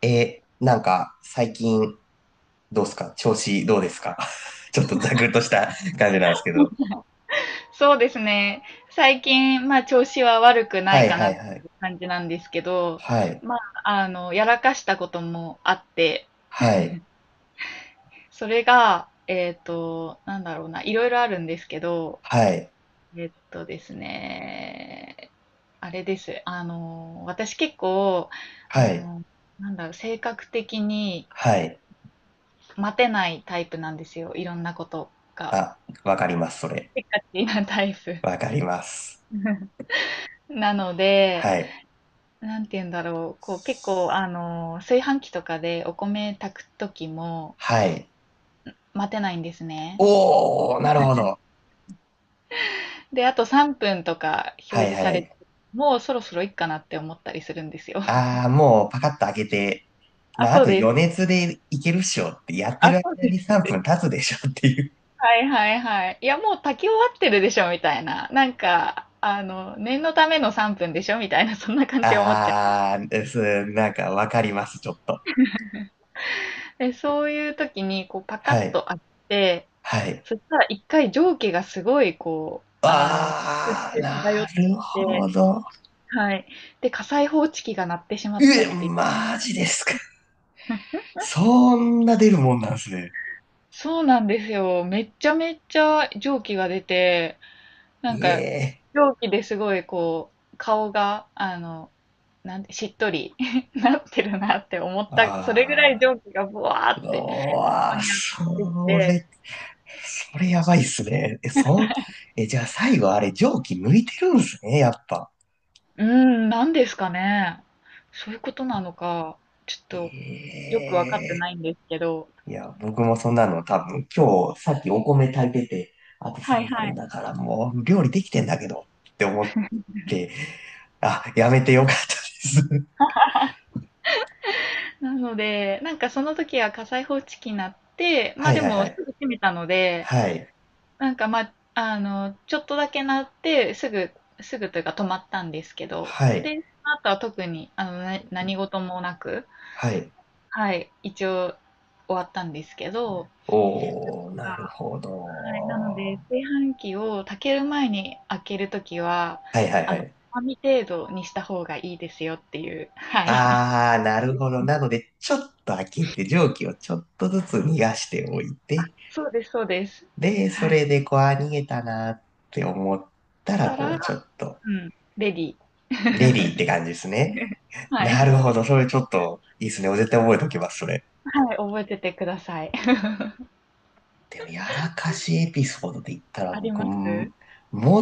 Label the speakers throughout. Speaker 1: なんか、最近、どうですか？調子どうですか？ ちょっとざくっとした感じなんですけど。
Speaker 2: そうですね。最近、まあ、調子は悪くな
Speaker 1: は
Speaker 2: い
Speaker 1: い
Speaker 2: かな
Speaker 1: は
Speaker 2: っ
Speaker 1: いはい。
Speaker 2: て感じなんですけど、
Speaker 1: はい。
Speaker 2: まあ、やらかしたこともあって、
Speaker 1: はい。
Speaker 2: それが、なんだろうな、いろいろあるんですけど、
Speaker 1: はい。
Speaker 2: えっとですね、あれです。私結構、
Speaker 1: は
Speaker 2: あ
Speaker 1: い。
Speaker 2: の、なんだろう、性格的に
Speaker 1: はい。
Speaker 2: 待てないタイプなんですよ。いろんなことが。
Speaker 1: あ、わかります、それ。
Speaker 2: せっかちなタイプ。
Speaker 1: わかります。
Speaker 2: なので、
Speaker 1: はい。
Speaker 2: なんて言うんだろう、こう結構炊飯器とかでお米炊く時も
Speaker 1: はい。
Speaker 2: 待てないんですね。
Speaker 1: おー、なるほど。
Speaker 2: で、あと3分とか
Speaker 1: は
Speaker 2: 表
Speaker 1: い
Speaker 2: 示
Speaker 1: は
Speaker 2: されて、
Speaker 1: い。
Speaker 2: もうそろそろいっかなって思ったりするんですよ。
Speaker 1: あー、もうパカッと開けて、
Speaker 2: あ、
Speaker 1: まあ、あ
Speaker 2: そう
Speaker 1: と
Speaker 2: です。
Speaker 1: 余熱でいけるっしょって、やってる
Speaker 2: あ、そう
Speaker 1: 間
Speaker 2: です、
Speaker 1: に
Speaker 2: そう
Speaker 1: 3
Speaker 2: で
Speaker 1: 分
Speaker 2: す。
Speaker 1: 経つでしょっていう。
Speaker 2: はいはいはい。いや、もう炊き終わってるでしょ、みたいな。なんか、念のための3分でしょ、みたいな、そんな感じで思っちゃ
Speaker 1: あー、です、なんかわかります、ちょっと。
Speaker 2: う。で、そういう時に、こう、パカッ
Speaker 1: は
Speaker 2: と
Speaker 1: い。
Speaker 2: 開けて、
Speaker 1: はい。
Speaker 2: そしたら一回蒸気がすごい、こう、
Speaker 1: あー、
Speaker 2: 空中
Speaker 1: な
Speaker 2: 漂ってき
Speaker 1: る
Speaker 2: て、
Speaker 1: ほど。
Speaker 2: はい。で、火災報知器が鳴ってしまった
Speaker 1: え、
Speaker 2: っていう。
Speaker 1: マジですか？そんな出るもんなんですね。
Speaker 2: そうなんですよ。めっちゃめっちゃ蒸気が出て、なん
Speaker 1: い
Speaker 2: か、
Speaker 1: え。
Speaker 2: 蒸気ですごいこう、顔が、なんて、しっとり なってるなって思った、それぐらい蒸
Speaker 1: あ
Speaker 2: 気がブワー
Speaker 1: ー、う
Speaker 2: って顔
Speaker 1: わー、
Speaker 2: に当たってき
Speaker 1: そ
Speaker 2: て、
Speaker 1: れ、それやばいっすね。え、そん、え、じゃあ最後あれ蒸気抜いてるんですね、やっぱ。
Speaker 2: うーん、なんですかね。そういうことなのか、ちょっと
Speaker 1: え
Speaker 2: よくわかって
Speaker 1: え。
Speaker 2: ないんですけど、
Speaker 1: いや、僕もそんなの多分今日さっきお米炊いてて、あと
Speaker 2: はい
Speaker 1: 3
Speaker 2: は
Speaker 1: 分
Speaker 2: い。
Speaker 1: だからもう料理できてんだけどって思って、あ、やめてよかったです。
Speaker 2: なので、なんかその時は火災報知器になって、ま
Speaker 1: は
Speaker 2: あ
Speaker 1: い
Speaker 2: で
Speaker 1: はいは
Speaker 2: もす
Speaker 1: い。
Speaker 2: ぐ閉めたので、
Speaker 1: はい。
Speaker 2: なんかまあ、ちょっとだけ鳴って、すぐというか止まったんですけど、
Speaker 1: はい。
Speaker 2: で、その後は特に、何事もなく、
Speaker 1: はい。
Speaker 2: はい、一応終わったんですけど、
Speaker 1: おー、なる
Speaker 2: あ
Speaker 1: ほ
Speaker 2: はい、な
Speaker 1: ど。
Speaker 2: ので、炊飯器を炊ける前に開けるときは、
Speaker 1: はいはいは
Speaker 2: つ
Speaker 1: い。
Speaker 2: まみ程度にした方がいいですよっていう、はい。
Speaker 1: あー、なるほど。なので、ちょっと開けて、蒸気をちょっとずつ逃がしておい て、
Speaker 2: そうです、そうです。
Speaker 1: で、そ
Speaker 2: はい。し
Speaker 1: れで、こう、あ、逃げたなって思ったら、
Speaker 2: た
Speaker 1: こ
Speaker 2: ら、
Speaker 1: う、ちょっと、
Speaker 2: うん、レディー。
Speaker 1: レディーって感じですね。
Speaker 2: はい。
Speaker 1: なるほど。それちょっと、いいですね。絶対覚えておきます、それ。
Speaker 2: はい、覚えててください。
Speaker 1: でも、やらかしエピソードで言ったら、
Speaker 2: あり
Speaker 1: 僕、
Speaker 2: ま
Speaker 1: も
Speaker 2: す。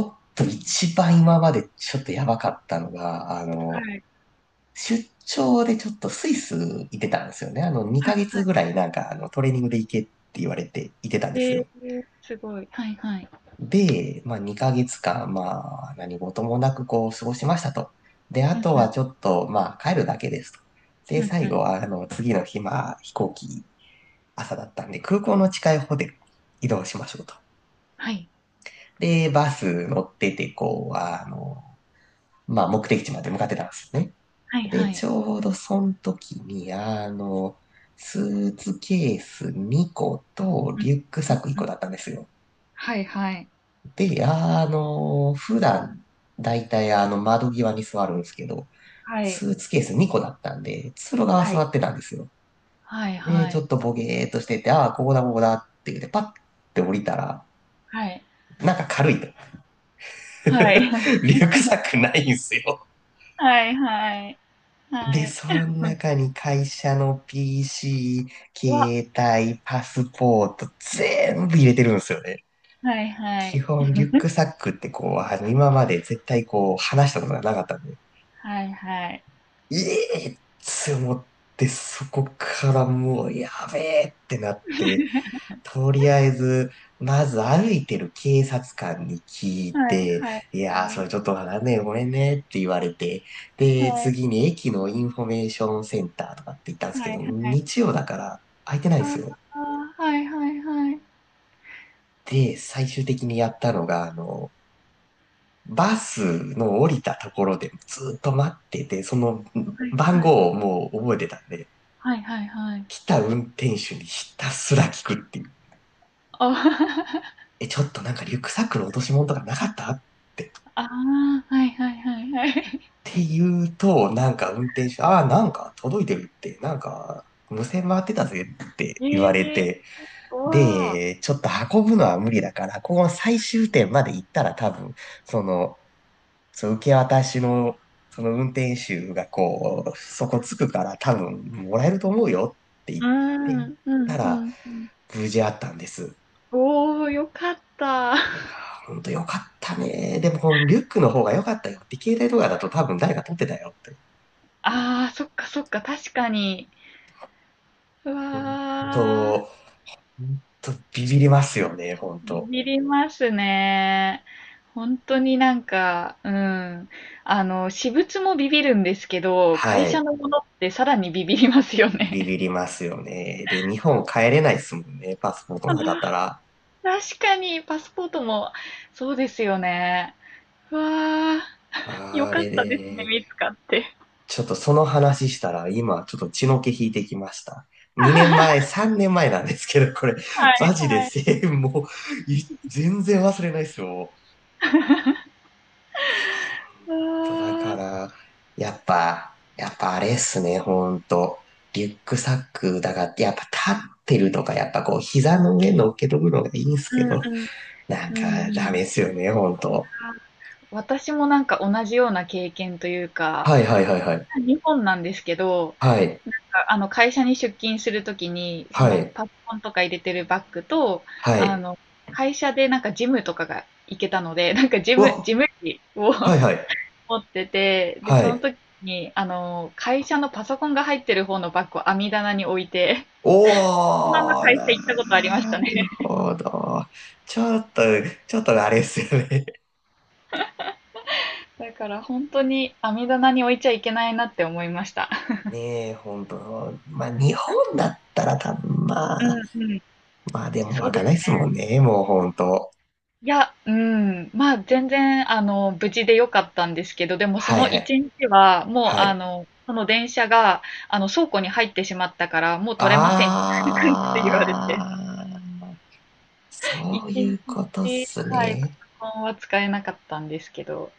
Speaker 1: っと一番今までちょっとやばかったのが、
Speaker 2: はい。
Speaker 1: 出張でちょっとスイス行ってたんですよね。あの、
Speaker 2: は
Speaker 1: 2
Speaker 2: い
Speaker 1: ヶ
Speaker 2: は
Speaker 1: 月
Speaker 2: い。
Speaker 1: ぐらいなんか、トレーニングで行けって言われて行ってたんです
Speaker 2: え
Speaker 1: よ。
Speaker 2: ー、すごい。はいはい。
Speaker 1: で、まあ、2ヶ月間、まあ、何事もなくこう、過ごしましたと。で、あ
Speaker 2: うん
Speaker 1: と
Speaker 2: う
Speaker 1: は
Speaker 2: ん。
Speaker 1: ちょっと、まあ、帰るだけですと。
Speaker 2: う
Speaker 1: で、
Speaker 2: んう
Speaker 1: 最後
Speaker 2: ん。
Speaker 1: は、次の日、まあ、飛行機、朝だったんで、空港の近いホテル移動しましょうと。
Speaker 2: はい。
Speaker 1: で、バス乗ってて、こう、あの、まあ、目的地まで向かってたんですよね。
Speaker 2: はい
Speaker 1: で、
Speaker 2: は
Speaker 1: ち
Speaker 2: い。
Speaker 1: ょうどその時に、スーツケース2個
Speaker 2: う
Speaker 1: と
Speaker 2: ん、
Speaker 1: リュック
Speaker 2: う
Speaker 1: サッ
Speaker 2: ん、
Speaker 1: ク1
Speaker 2: う
Speaker 1: 個
Speaker 2: ん。
Speaker 1: だったんですよ。
Speaker 2: はいはい。
Speaker 1: で、あの、普段、だいたいあの、窓際に座るんですけど、
Speaker 2: はい。
Speaker 1: スーツケース2個だったんで、通路側
Speaker 2: は
Speaker 1: 座
Speaker 2: い。
Speaker 1: ってたんですよ。
Speaker 2: はい
Speaker 1: で、
Speaker 2: は
Speaker 1: ちょ
Speaker 2: い。
Speaker 1: っとボゲーっとしてて、ああ、ここだ、ここだって言って、パッて降りたら、
Speaker 2: はい。
Speaker 1: なんか軽いと。
Speaker 2: はい。
Speaker 1: リュックサックないんすよ。
Speaker 2: はいはい。は
Speaker 1: で、
Speaker 2: い。
Speaker 1: その中に会社の
Speaker 2: わ。
Speaker 1: PC、携帯、パスポート、全部入れてるんですよね。
Speaker 2: はいは
Speaker 1: 基
Speaker 2: い。
Speaker 1: 本、リュックサックってこう、あの、今まで絶対こう、話したことがなかったんで、
Speaker 2: はいはい。
Speaker 1: ええって思って、そこからもう、やべえってなって、とりあえず、まず歩いてる警察官に聞い
Speaker 2: はい
Speaker 1: て、
Speaker 2: はい。
Speaker 1: いやー、
Speaker 2: は
Speaker 1: そ
Speaker 2: い。
Speaker 1: れちょっとわかんねえ、ごめんねって言われて、で、
Speaker 2: は
Speaker 1: 次に駅のインフォメーションセンターとかって言ったんで
Speaker 2: い
Speaker 1: すけ
Speaker 2: は
Speaker 1: ど、
Speaker 2: い。はい
Speaker 1: 日曜だから空いてないんです
Speaker 2: あ
Speaker 1: よ。
Speaker 2: あ、はいはいはい。は
Speaker 1: で、最終的にやったのが、バスの降りたところでずっと待ってて、その
Speaker 2: い
Speaker 1: 番
Speaker 2: はい。
Speaker 1: 号をもう覚えてたんで、
Speaker 2: はいはいはい。
Speaker 1: 来た運転手にひたすら聞くっていう。
Speaker 2: あ
Speaker 1: え、ちょっとなんかリュックサックの落とし物とかなかったって
Speaker 2: ああ、はいはいはいはい。
Speaker 1: て言うと、なんか運転手、ああ、なんか届いてるって、なんか無線回ってたぜって言
Speaker 2: え
Speaker 1: われ
Speaker 2: え
Speaker 1: て、
Speaker 2: ーわ
Speaker 1: で、ちょっと運ぶのは無理だから、この最終点まで行ったら多分、その、その受け渡しの、その運転手がこう、そこ着くから多分もらえると思うよって
Speaker 2: う
Speaker 1: 言っ
Speaker 2: ーん、
Speaker 1: て
Speaker 2: う
Speaker 1: 行った
Speaker 2: んう
Speaker 1: ら、
Speaker 2: んうん。
Speaker 1: 無事あったんです。
Speaker 2: おお、よかった。あ
Speaker 1: いやー、ほんとよかったね。でも、リュックの方が良かったよって、携帯とかだと多分誰か取ってたよって。
Speaker 2: あ、そっかそっか、確かに。うわ
Speaker 1: うん
Speaker 2: あ、
Speaker 1: と、ほんとビビりますよね、ほん
Speaker 2: ビ
Speaker 1: と。
Speaker 2: ビりますね。本当になんか、うん。あの、私物もビビるんですけど、会
Speaker 1: は
Speaker 2: 社
Speaker 1: い。
Speaker 2: のものってさらにビビりますよ
Speaker 1: ビ
Speaker 2: ね。
Speaker 1: ビりますよね。で、日本帰れないですもんね、パスポートなかった ら。
Speaker 2: 確かに、パスポートも、そうですよね。うわあ。よ
Speaker 1: あ
Speaker 2: かっ
Speaker 1: れ
Speaker 2: たですね、
Speaker 1: で、
Speaker 2: 見つかって。
Speaker 1: ちょっとその話したら、今ちょっと血の気引いてきました。2年前、3年前なんですけど、これ、
Speaker 2: は
Speaker 1: マ
Speaker 2: い、
Speaker 1: ジで
Speaker 2: はい。
Speaker 1: 1もう、い全然忘れないですよ。いやとだから、やっぱあれっすね、ほんと。リュックサックだから、やっぱ立ってるとか、やっぱこう、膝の上乗っけとくのがいいんす
Speaker 2: う
Speaker 1: け
Speaker 2: ん、
Speaker 1: ど、
Speaker 2: うん、
Speaker 1: なん
Speaker 2: うん、う
Speaker 1: かダ
Speaker 2: ん。
Speaker 1: メっすよね、ほんと。
Speaker 2: 私もなんか同じような経験というか、
Speaker 1: はいはいはいはい。
Speaker 2: 日本なんですけど、
Speaker 1: はい。
Speaker 2: なんか会社に出勤するときに、そ
Speaker 1: は
Speaker 2: の
Speaker 1: い。
Speaker 2: パソコンとか入れてるバッグと、
Speaker 1: は
Speaker 2: あ
Speaker 1: い。
Speaker 2: の、会社でなんかジムとかが行けたので、なんかジ
Speaker 1: う
Speaker 2: ム、
Speaker 1: わ、
Speaker 2: ジム機を
Speaker 1: はいはい。
Speaker 2: 持ってて、で、
Speaker 1: は
Speaker 2: その
Speaker 1: い。
Speaker 2: 時に、会社のパソコンが入ってる方のバッグを網棚に置いて、ナの
Speaker 1: おー、
Speaker 2: 会社
Speaker 1: な
Speaker 2: 行ったことありました
Speaker 1: る
Speaker 2: ね。
Speaker 1: ほど。ちょっと、ちょっとあれっすよね。
Speaker 2: だから本当に網棚に置いちゃいけないなって思いました。
Speaker 1: ねえ、ほんと。まあ、日本だったら多分ま
Speaker 2: う
Speaker 1: あ、
Speaker 2: んうん。
Speaker 1: まあでも
Speaker 2: そ
Speaker 1: 湧
Speaker 2: う
Speaker 1: か
Speaker 2: です。
Speaker 1: ないっすもんね、もうほんと。
Speaker 2: いや、うん、まあ全然無事でよかったんですけど、でもそ
Speaker 1: はい
Speaker 2: の
Speaker 1: はい。
Speaker 2: 一日はもう
Speaker 1: はい。
Speaker 2: その電車が倉庫に入ってしまったからもう取れません。って言われて。
Speaker 1: あー、
Speaker 2: 一
Speaker 1: そうい
Speaker 2: 日、
Speaker 1: うことっす
Speaker 2: はい、パ
Speaker 1: ね。
Speaker 2: ソコンは使えなかったんですけど。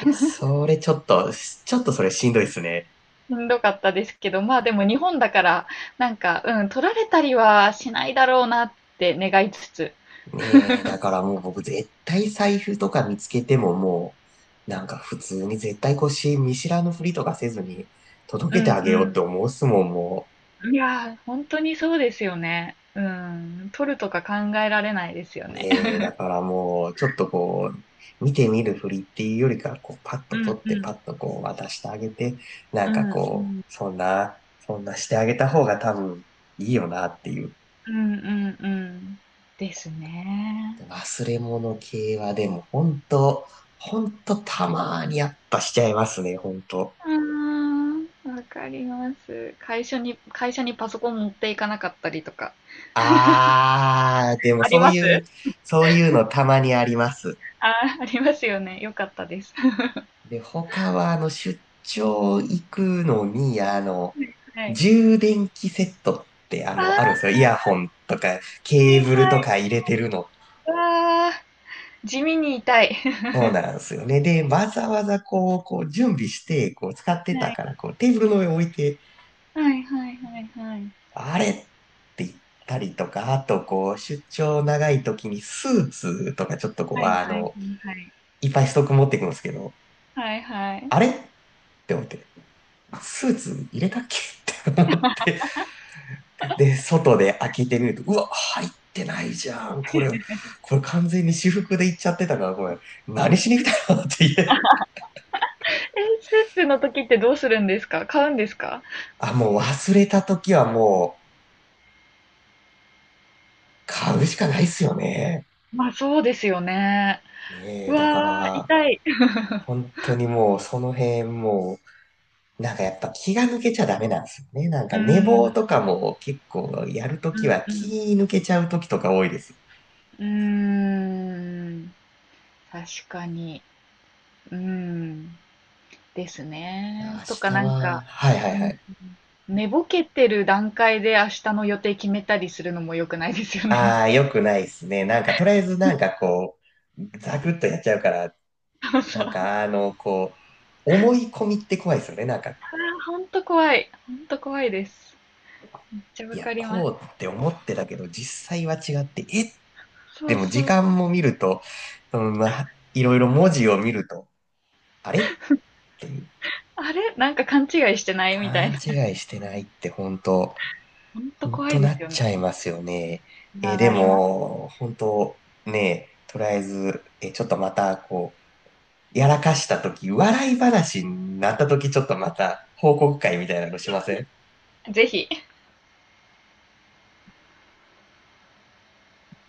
Speaker 1: いや、それちょっと、ちょっとそれしんどいっすね。
Speaker 2: しんどかったですけど、まあでも日本だから、なんか、うん、取られたりはしないだろうなって願いつつ。
Speaker 1: ねえ、だからもう僕絶対財布とか見つけてももう、なんか普通に絶対腰見知らぬふりとかせずに届
Speaker 2: う
Speaker 1: けてあげようっ
Speaker 2: ん
Speaker 1: て思うっすもん、もう。
Speaker 2: うん。いやー、本当にそうですよね。うん、取るとか考えられないですよね。
Speaker 1: ねえ、だからもう、ちょっとこう、見てみるふりっていうよりかは、こう、パッ
Speaker 2: う
Speaker 1: と取
Speaker 2: ん
Speaker 1: っ
Speaker 2: う
Speaker 1: て、パ
Speaker 2: ん。
Speaker 1: ッとこう、渡してあげて、な
Speaker 2: う
Speaker 1: んか
Speaker 2: んう
Speaker 1: こう、
Speaker 2: ん。
Speaker 1: そんなしてあげた方が多分いいよなっていう。
Speaker 2: うんうんうん。ですね。
Speaker 1: 忘れ物系はでも、本当たまーにやっぱしちゃいますね、本当。
Speaker 2: うーん、わかります。会社にパソコン持っていかなかったりとか。
Speaker 1: あー、でも
Speaker 2: あり
Speaker 1: そう
Speaker 2: ます
Speaker 1: いう、そういうのたまにあります。
Speaker 2: あー、ありますよね。よかったです。
Speaker 1: で、他は、あの、出張行くのに、
Speaker 2: はい。
Speaker 1: 充電器セットって、あ
Speaker 2: あー、
Speaker 1: の、あるん
Speaker 2: は
Speaker 1: ですよ。イヤホンとか、ケー
Speaker 2: い
Speaker 1: ブル
Speaker 2: はい。
Speaker 1: とか入れてるの。
Speaker 2: わー。地味に痛い。
Speaker 1: そうなんですよね。で、わざわざこう、こう、準備して、こう、使ってた
Speaker 2: はい。
Speaker 1: から、こう、テーブルの上置いて、
Speaker 2: はいはいはいはい。
Speaker 1: あれって言ったりとか、あと、こう、出張長い時にスーツとか、ちょっとこう、
Speaker 2: はい
Speaker 1: あ
Speaker 2: はいはい
Speaker 1: の、
Speaker 2: はい。
Speaker 1: いっぱいストック持っていくんですけど、
Speaker 2: はいはい。
Speaker 1: あれって思って、スーツ入れたっけって思ってで、外で開けてみると、うわ、入ってないじゃん。これ、これ完全に私服で行っちゃってたから、これ、何しに来たのって言え。
Speaker 2: え、スーツの時ってどうするんですか？買うんですか？
Speaker 1: あ、もう忘れた時はもう、買うしかないっすよね。
Speaker 2: まあそうですよね。
Speaker 1: ね
Speaker 2: う
Speaker 1: え、だか
Speaker 2: わー、
Speaker 1: ら、
Speaker 2: 痛い。
Speaker 1: 本当にもう、その辺もう、なんかやっぱ気が抜けちゃダメなんですよね。なん
Speaker 2: う
Speaker 1: か寝
Speaker 2: ん、う
Speaker 1: 坊
Speaker 2: ん、
Speaker 1: とかも結構やると
Speaker 2: う
Speaker 1: きは
Speaker 2: ん。
Speaker 1: 気抜けちゃうときとか多いです。
Speaker 2: うーん、確かに。うん、です
Speaker 1: 明
Speaker 2: ね。とか
Speaker 1: 日
Speaker 2: なん
Speaker 1: は、
Speaker 2: か、
Speaker 1: はいはい
Speaker 2: う
Speaker 1: は
Speaker 2: ん、
Speaker 1: い。
Speaker 2: 寝ぼけてる段階で明日の予定決めたりするのも良くないですよね。
Speaker 1: ああ、よくないですね。なんか、とりあえずなんかこう、ザクッとやっちゃうから、
Speaker 2: そうそ
Speaker 1: なん
Speaker 2: う。
Speaker 1: かあの、こう、思い込みって怖いですよね。なんか、
Speaker 2: あ、ほんと怖い。ほんと怖いです。めっちゃ
Speaker 1: い
Speaker 2: わ
Speaker 1: や、
Speaker 2: かります。
Speaker 1: こうって思ってたけど、実際は違って、え
Speaker 2: そ
Speaker 1: で
Speaker 2: う
Speaker 1: も時
Speaker 2: そう。
Speaker 1: 間も見ると、そのまあ、いろいろ文字を見ると、あれっていう
Speaker 2: あれなんか勘違いしてないみた
Speaker 1: 勘
Speaker 2: いな。
Speaker 1: 違いしてないって本当、
Speaker 2: ほんと
Speaker 1: 本
Speaker 2: 怖い
Speaker 1: 当
Speaker 2: で
Speaker 1: な
Speaker 2: す
Speaker 1: っ
Speaker 2: よね。
Speaker 1: ちゃいますよね。
Speaker 2: な、
Speaker 1: えで
Speaker 2: なりま
Speaker 1: も、本当ね、とりあえず、えちょっとまたこう、やらかしたとき、笑い話になったとき、ちょっとまた報告会みたいなのしません
Speaker 2: す。ぜひ。